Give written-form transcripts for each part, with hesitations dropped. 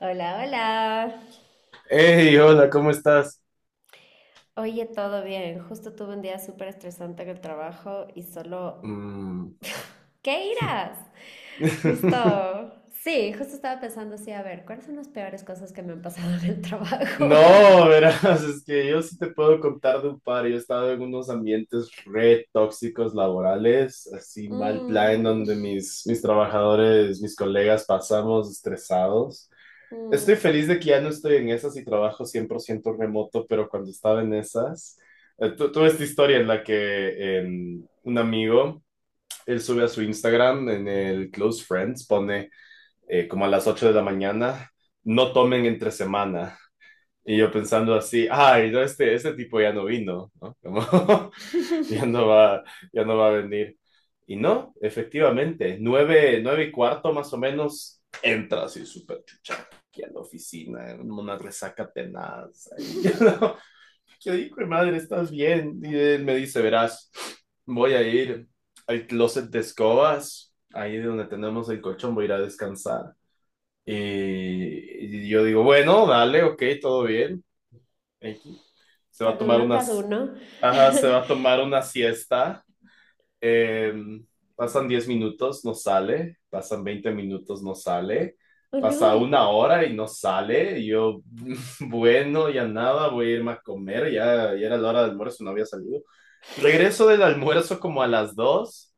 Hola, hola. Hey, hola, ¿cómo estás? Oye, todo bien. Justo tuve un día súper estresante en el trabajo y solo... Mm. ¿Qué irás? Justo... Sí, justo estaba pensando así, a ver, ¿cuáles son las peores cosas que me han pasado en el trabajo? No, verás, es que yo sí te puedo contar de un par. Yo he estado en unos ambientes re tóxicos laborales, así mal plan, Mm, donde mis trabajadores, mis colegas pasamos estresados. Estoy mm. feliz de que ya no estoy en esas y trabajo 100% remoto, pero cuando estaba en esas, tuve esta historia en la que un amigo, él sube a su Instagram, en el Close Friends, pone como a las 8 de la mañana, no tomen entre semana. Y yo pensando así, ay, no, este tipo ya no vino, ¿no? Como, ya no va, ya no va a venir. Y no, efectivamente, 9:15 más o menos, entra así súper chucha aquí a la oficina, en una resaca tenaz. Ahí, ¿no? Yo digo, madre, ¿estás bien? Y él me dice, verás, voy a ir al closet de escobas, ahí de donde tenemos el colchón, voy a ir a descansar. Y yo digo, bueno, dale, ok, todo bien. X. Se va a Cada tomar uno, cada unas, uno. ajá, se va a tomar una siesta. Eh, Pasan 10 minutos, no sale. Pasan 20 minutos, no sale. Oh, Pasa no, una hora y no sale. Y yo, bueno, ya nada, voy a irme a comer. Ya era la hora del almuerzo, no había salido. Regreso del almuerzo como a las 2,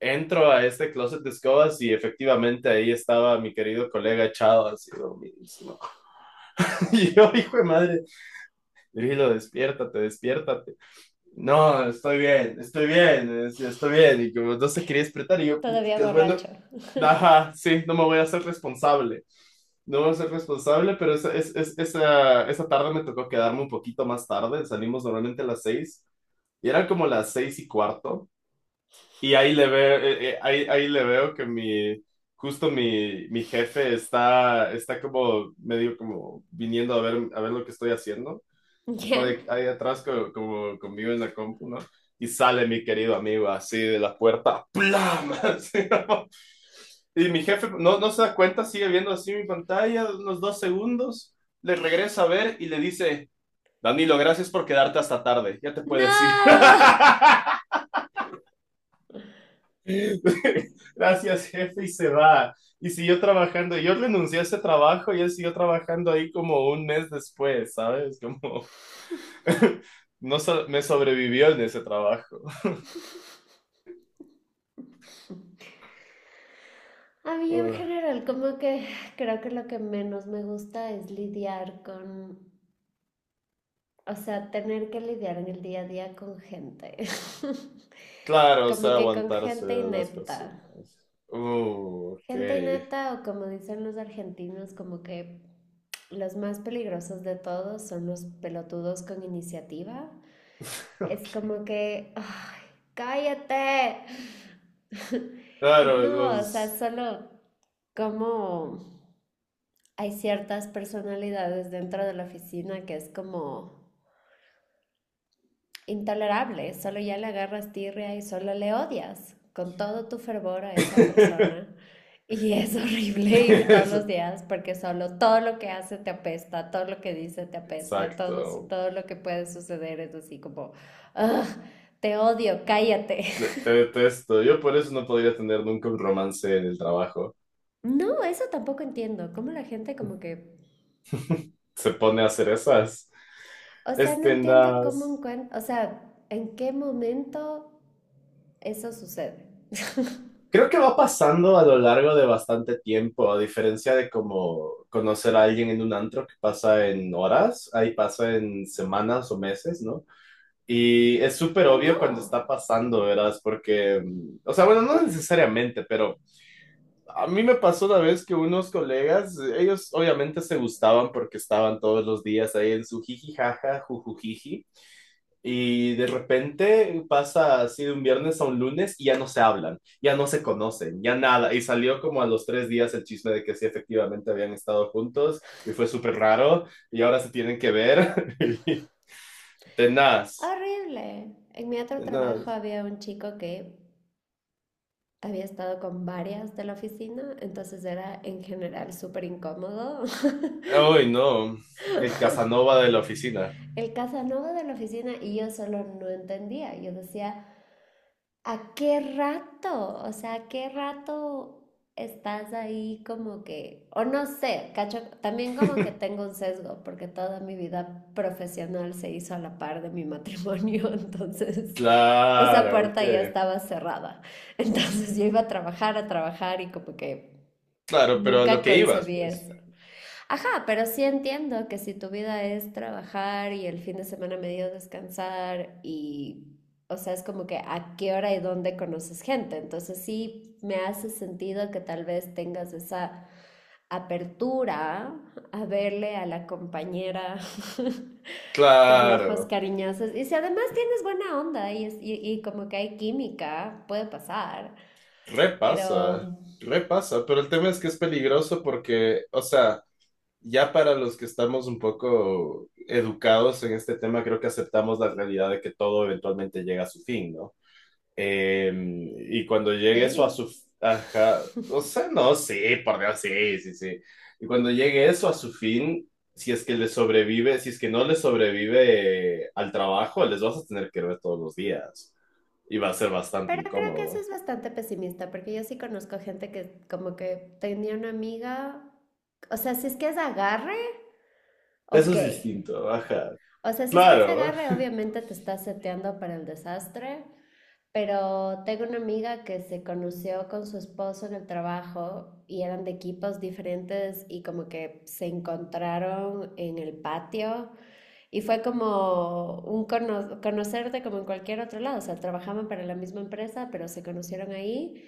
entro a este closet de escobas y efectivamente ahí estaba mi querido colega echado así dormidísimo. Y yo, hijo de madre, Drilo, despiértate, despiértate. No, estoy bien, estoy bien, estoy bien. Y como no se quería despertar, y yo, todavía puticas, bueno, borracho. ajá, sí, no me voy a hacer responsable. No voy a ser responsable, pero esa, es- esa tarde me tocó quedarme un poquito más tarde. Salimos normalmente a las 6 y eran como las 6:15. Y ahí le veo, ahí le veo que justo mi jefe está como medio como viniendo a ver lo que estoy haciendo. Está ¿Ya? Ahí atrás como, conmigo en la compu, ¿no? Y sale mi querido amigo así de la puerta, ¡plam! Así, ¿no? Y mi jefe no se da cuenta, sigue viendo así mi pantalla unos 2 segundos, le regresa a ver y le dice, Danilo, gracias por quedarte hasta tarde, ya te ¡No! puedes ir. Gracias, jefe, y se va. Y siguió trabajando. Yo renuncié a ese trabajo y él siguió trabajando ahí como un mes después, ¿sabes? Como no so- me sobrevivió en ese trabajo. A mí en Uh, general, como que creo que lo que menos me gusta es lidiar con, o sea, tener que lidiar en el día a día con gente. claro, o Como sea, que con aguantarse a gente las inepta. personas. Ok. Gente inepta, o como dicen los argentinos, como que los más peligrosos de todos son los pelotudos con iniciativa. Es Ok. como que, ¡ay, cállate! Y Claro, no, o sea, los. solo como hay ciertas personalidades dentro de la oficina que es como intolerable, solo ya le agarras tirria y solo le odias con todo tu fervor a esa persona. Y es horrible ir todos los Eso, días porque solo todo lo que hace te apesta, todo lo que dice te apesta, todo, exacto. todo lo que puede suceder es así como, "Ugh, te odio, cállate". Te te detesto. Yo por eso no podría tener nunca un romance en el trabajo. No, eso tampoco entiendo, cómo la gente como que, Se pone a hacer esas. o sea, no Este, entiendo cómo las- encuentro, o sea, en qué momento eso sucede. Creo que va pasando a lo largo de bastante tiempo, a diferencia de como conocer a alguien en un antro que pasa en horas, ahí pasa en semanas o meses, ¿no? Y es súper ¿O obvio no? cuando está pasando, ¿verdad? Porque, o sea, bueno, no necesariamente, pero a mí me pasó una vez que unos colegas, ellos obviamente se gustaban porque estaban todos los días ahí en su jiji jaja, jujujiji. Y de repente pasa así de un viernes a un lunes y ya no se hablan, ya no se conocen, ya nada. Y salió como a los 3 días el chisme de que sí, efectivamente habían estado juntos y fue súper raro y ahora se tienen que ver. Tenaz, Horrible. En mi otro trabajo tenaz. había un chico que había estado con varias de la oficina, entonces era en general súper incómodo. Ay, no, el Casanova de la oficina. El Casanova de la oficina, y yo solo no entendía. Yo decía, ¿a qué rato? O sea, ¿a qué rato estás ahí como que, o no sé, cacho, también como que tengo un sesgo, porque toda mi vida profesional se hizo a la par de mi matrimonio, entonces esa Claro, puerta ya que, estaba cerrada? Entonces yo iba a trabajar, a trabajar, y como que claro, pero a lo nunca que ibas, concebí pues. eso. Ajá, pero sí entiendo que si tu vida es trabajar y el fin de semana medio descansar y, o sea, es como que a qué hora y dónde conoces gente. Entonces sí me hace sentido que tal vez tengas esa apertura a verle a la compañera con ojos Claro, cariñosos. Y si además tienes buena onda y, y como que hay química, puede pasar, repasa, pero repasa, pero el tema es que es peligroso porque, o sea. Ya para los que estamos un poco educados en este tema, creo que aceptamos la realidad de que todo eventualmente llega a su fin, ¿no? Eh, y cuando llegue eso a maybe. su. Ajá, o sea, no, sí, por Dios, sí, sí, sí. Y cuando llegue eso a su fin, si es que le sobrevive, si es que no le sobrevive al trabajo, les vas a tener que ver todos los días. Y va a ser bastante Pero creo que eso incómodo. es bastante pesimista, porque yo sí conozco gente que como que tenía una amiga, o sea, si es que es agarre, Eso ok. es distinto, ajá. O sea, si es que es Claro. agarre, obviamente te estás seteando para el desastre, pero tengo una amiga que se conoció con su esposo en el trabajo y eran de equipos diferentes y como que se encontraron en el patio y fue como un conocerte como en cualquier otro lado, o sea, trabajaban para la misma empresa, pero se conocieron ahí.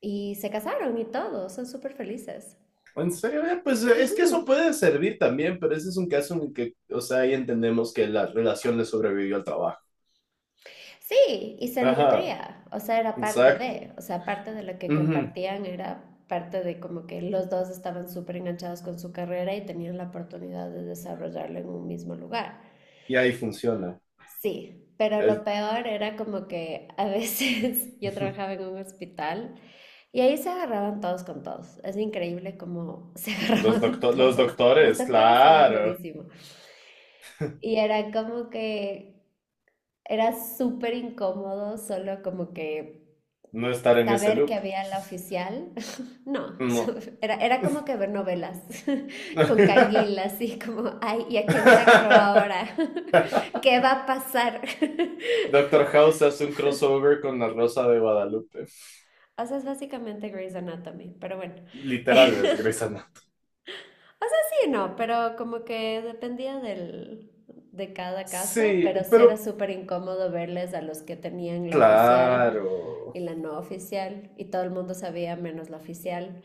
Y se casaron y todo, son súper felices. En serio, pues es que Ujú. eso puede servir también, pero ese es un caso en el que, o sea, ahí entendemos que la relación le sobrevivió al trabajo. Sí, y se Ajá, nutría, o sea, era parte exacto. de, o sea, parte de lo que Ujú. compartían era parte de como que los dos estaban súper enganchados con su carrera y tenían la oportunidad de desarrollarlo en un mismo lugar. Y ahí funciona. Sí, pero lo El- peor era como que a veces yo trabajaba en un hospital y ahí se agarraban todos con todos. Es increíble cómo se agarraban los todos. Las doctores, doctoras se dan claro, durísimo. Y era como que era súper incómodo solo como que no estar en ese saber que loop. había la oficial. No, No. era, era como que ver novelas con canguila, así como, ay, ¿y a quién se agarró ahora? ¿Qué va a pasar? Doctor House hace un crossover con la Rosa de Guadalupe. O sea, es básicamente Grey's Anatomy, pero bueno. Literal, es Grey's Anatomy. Sí, no, pero como que dependía del, de cada caso, Sí, pero sí era pero súper incómodo verles a los que tenían la oficial y claro. la no oficial, y todo el mundo sabía menos la oficial.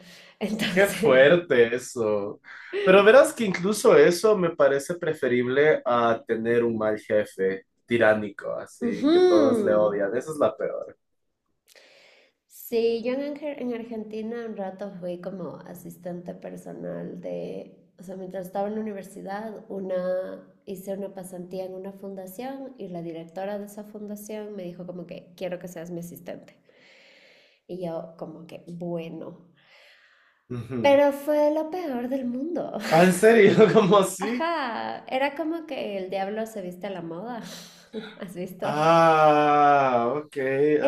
Qué Entonces, fuerte eso. Pero verás que incluso eso me parece preferible a tener un mal jefe tiránico, así ujú. que todos le odian. Esa es la peor. Sí, yo en, en Argentina un rato fui como asistente personal de, o sea, mientras estaba en la universidad, una, hice una pasantía en una fundación y la directora de esa fundación me dijo como que quiero que seas mi asistente. Y yo como que, bueno, Ujú. pero fue lo peor del mundo. Ah, ¿en serio? ¿Cómo así? Ajá, era como que el diablo se viste a la moda. ¿Has visto? Ah, ok.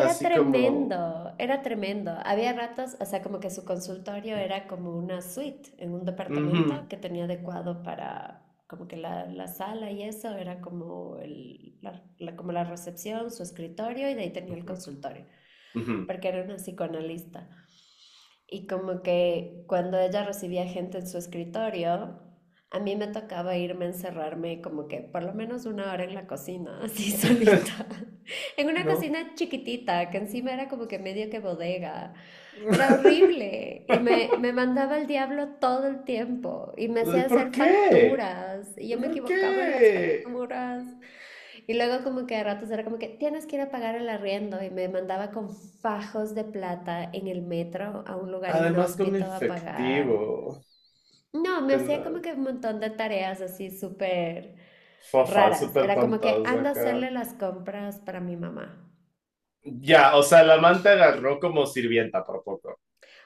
Era tremendo, como. era tremendo. Había ratos, o sea, como que su consultorio era como una suite en un departamento que tenía adecuado para, como que la sala y eso, era como, como la recepción, su escritorio, y de ahí tenía el Ujú, ujú, consultorio, ujú. porque era una psicoanalista. Y como que cuando ella recibía gente en su escritorio, a mí me tocaba irme a encerrarme como que por lo menos una hora en la cocina, así solita. En una No. cocina chiquitita, que encima era como que medio que bodega. Era horrible y me mandaba al diablo todo el tiempo y me hacía ¿Por hacer qué? facturas y yo me ¿Por equivocaba en las qué? facturas, y luego como que a ratos era como que tienes que ir a pagar el arriendo y me mandaba con fajos de plata en el metro a un lugar Además con inhóspito a pagar. efectivo. No, me Ten- hacía como que un montón de tareas así súper Fofas, raras. súper Era como que tontas, anda a ajá. hacerle las compras para mi mamá. Ya, o sea, la manta agarró como sirvienta por poco.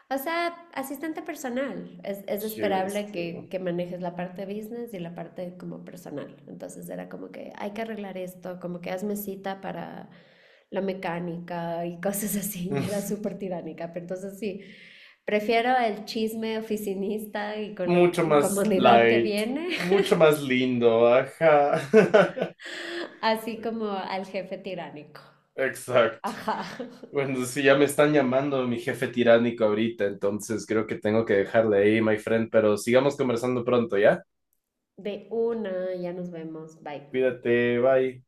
O sea, asistente personal. Es Qué esperable bestia, ¿no? que manejes la parte business y la parte como personal. Entonces era como que hay que arreglar esto, como que hazme cita para la mecánica y cosas así. Y era súper tiránica. Pero entonces sí, prefiero el chisme oficinista y con la Mucho más incomodidad que light, viene, mucho más lindo, ajá. así como al jefe tiránico. Exacto. Ajá. Bueno, sí, ya me están llamando mi jefe tiránico ahorita, entonces creo que tengo que dejarle ahí, my friend, pero sigamos conversando pronto, ¿ya? De una, ya nos vemos. Bye. Cuídate, bye.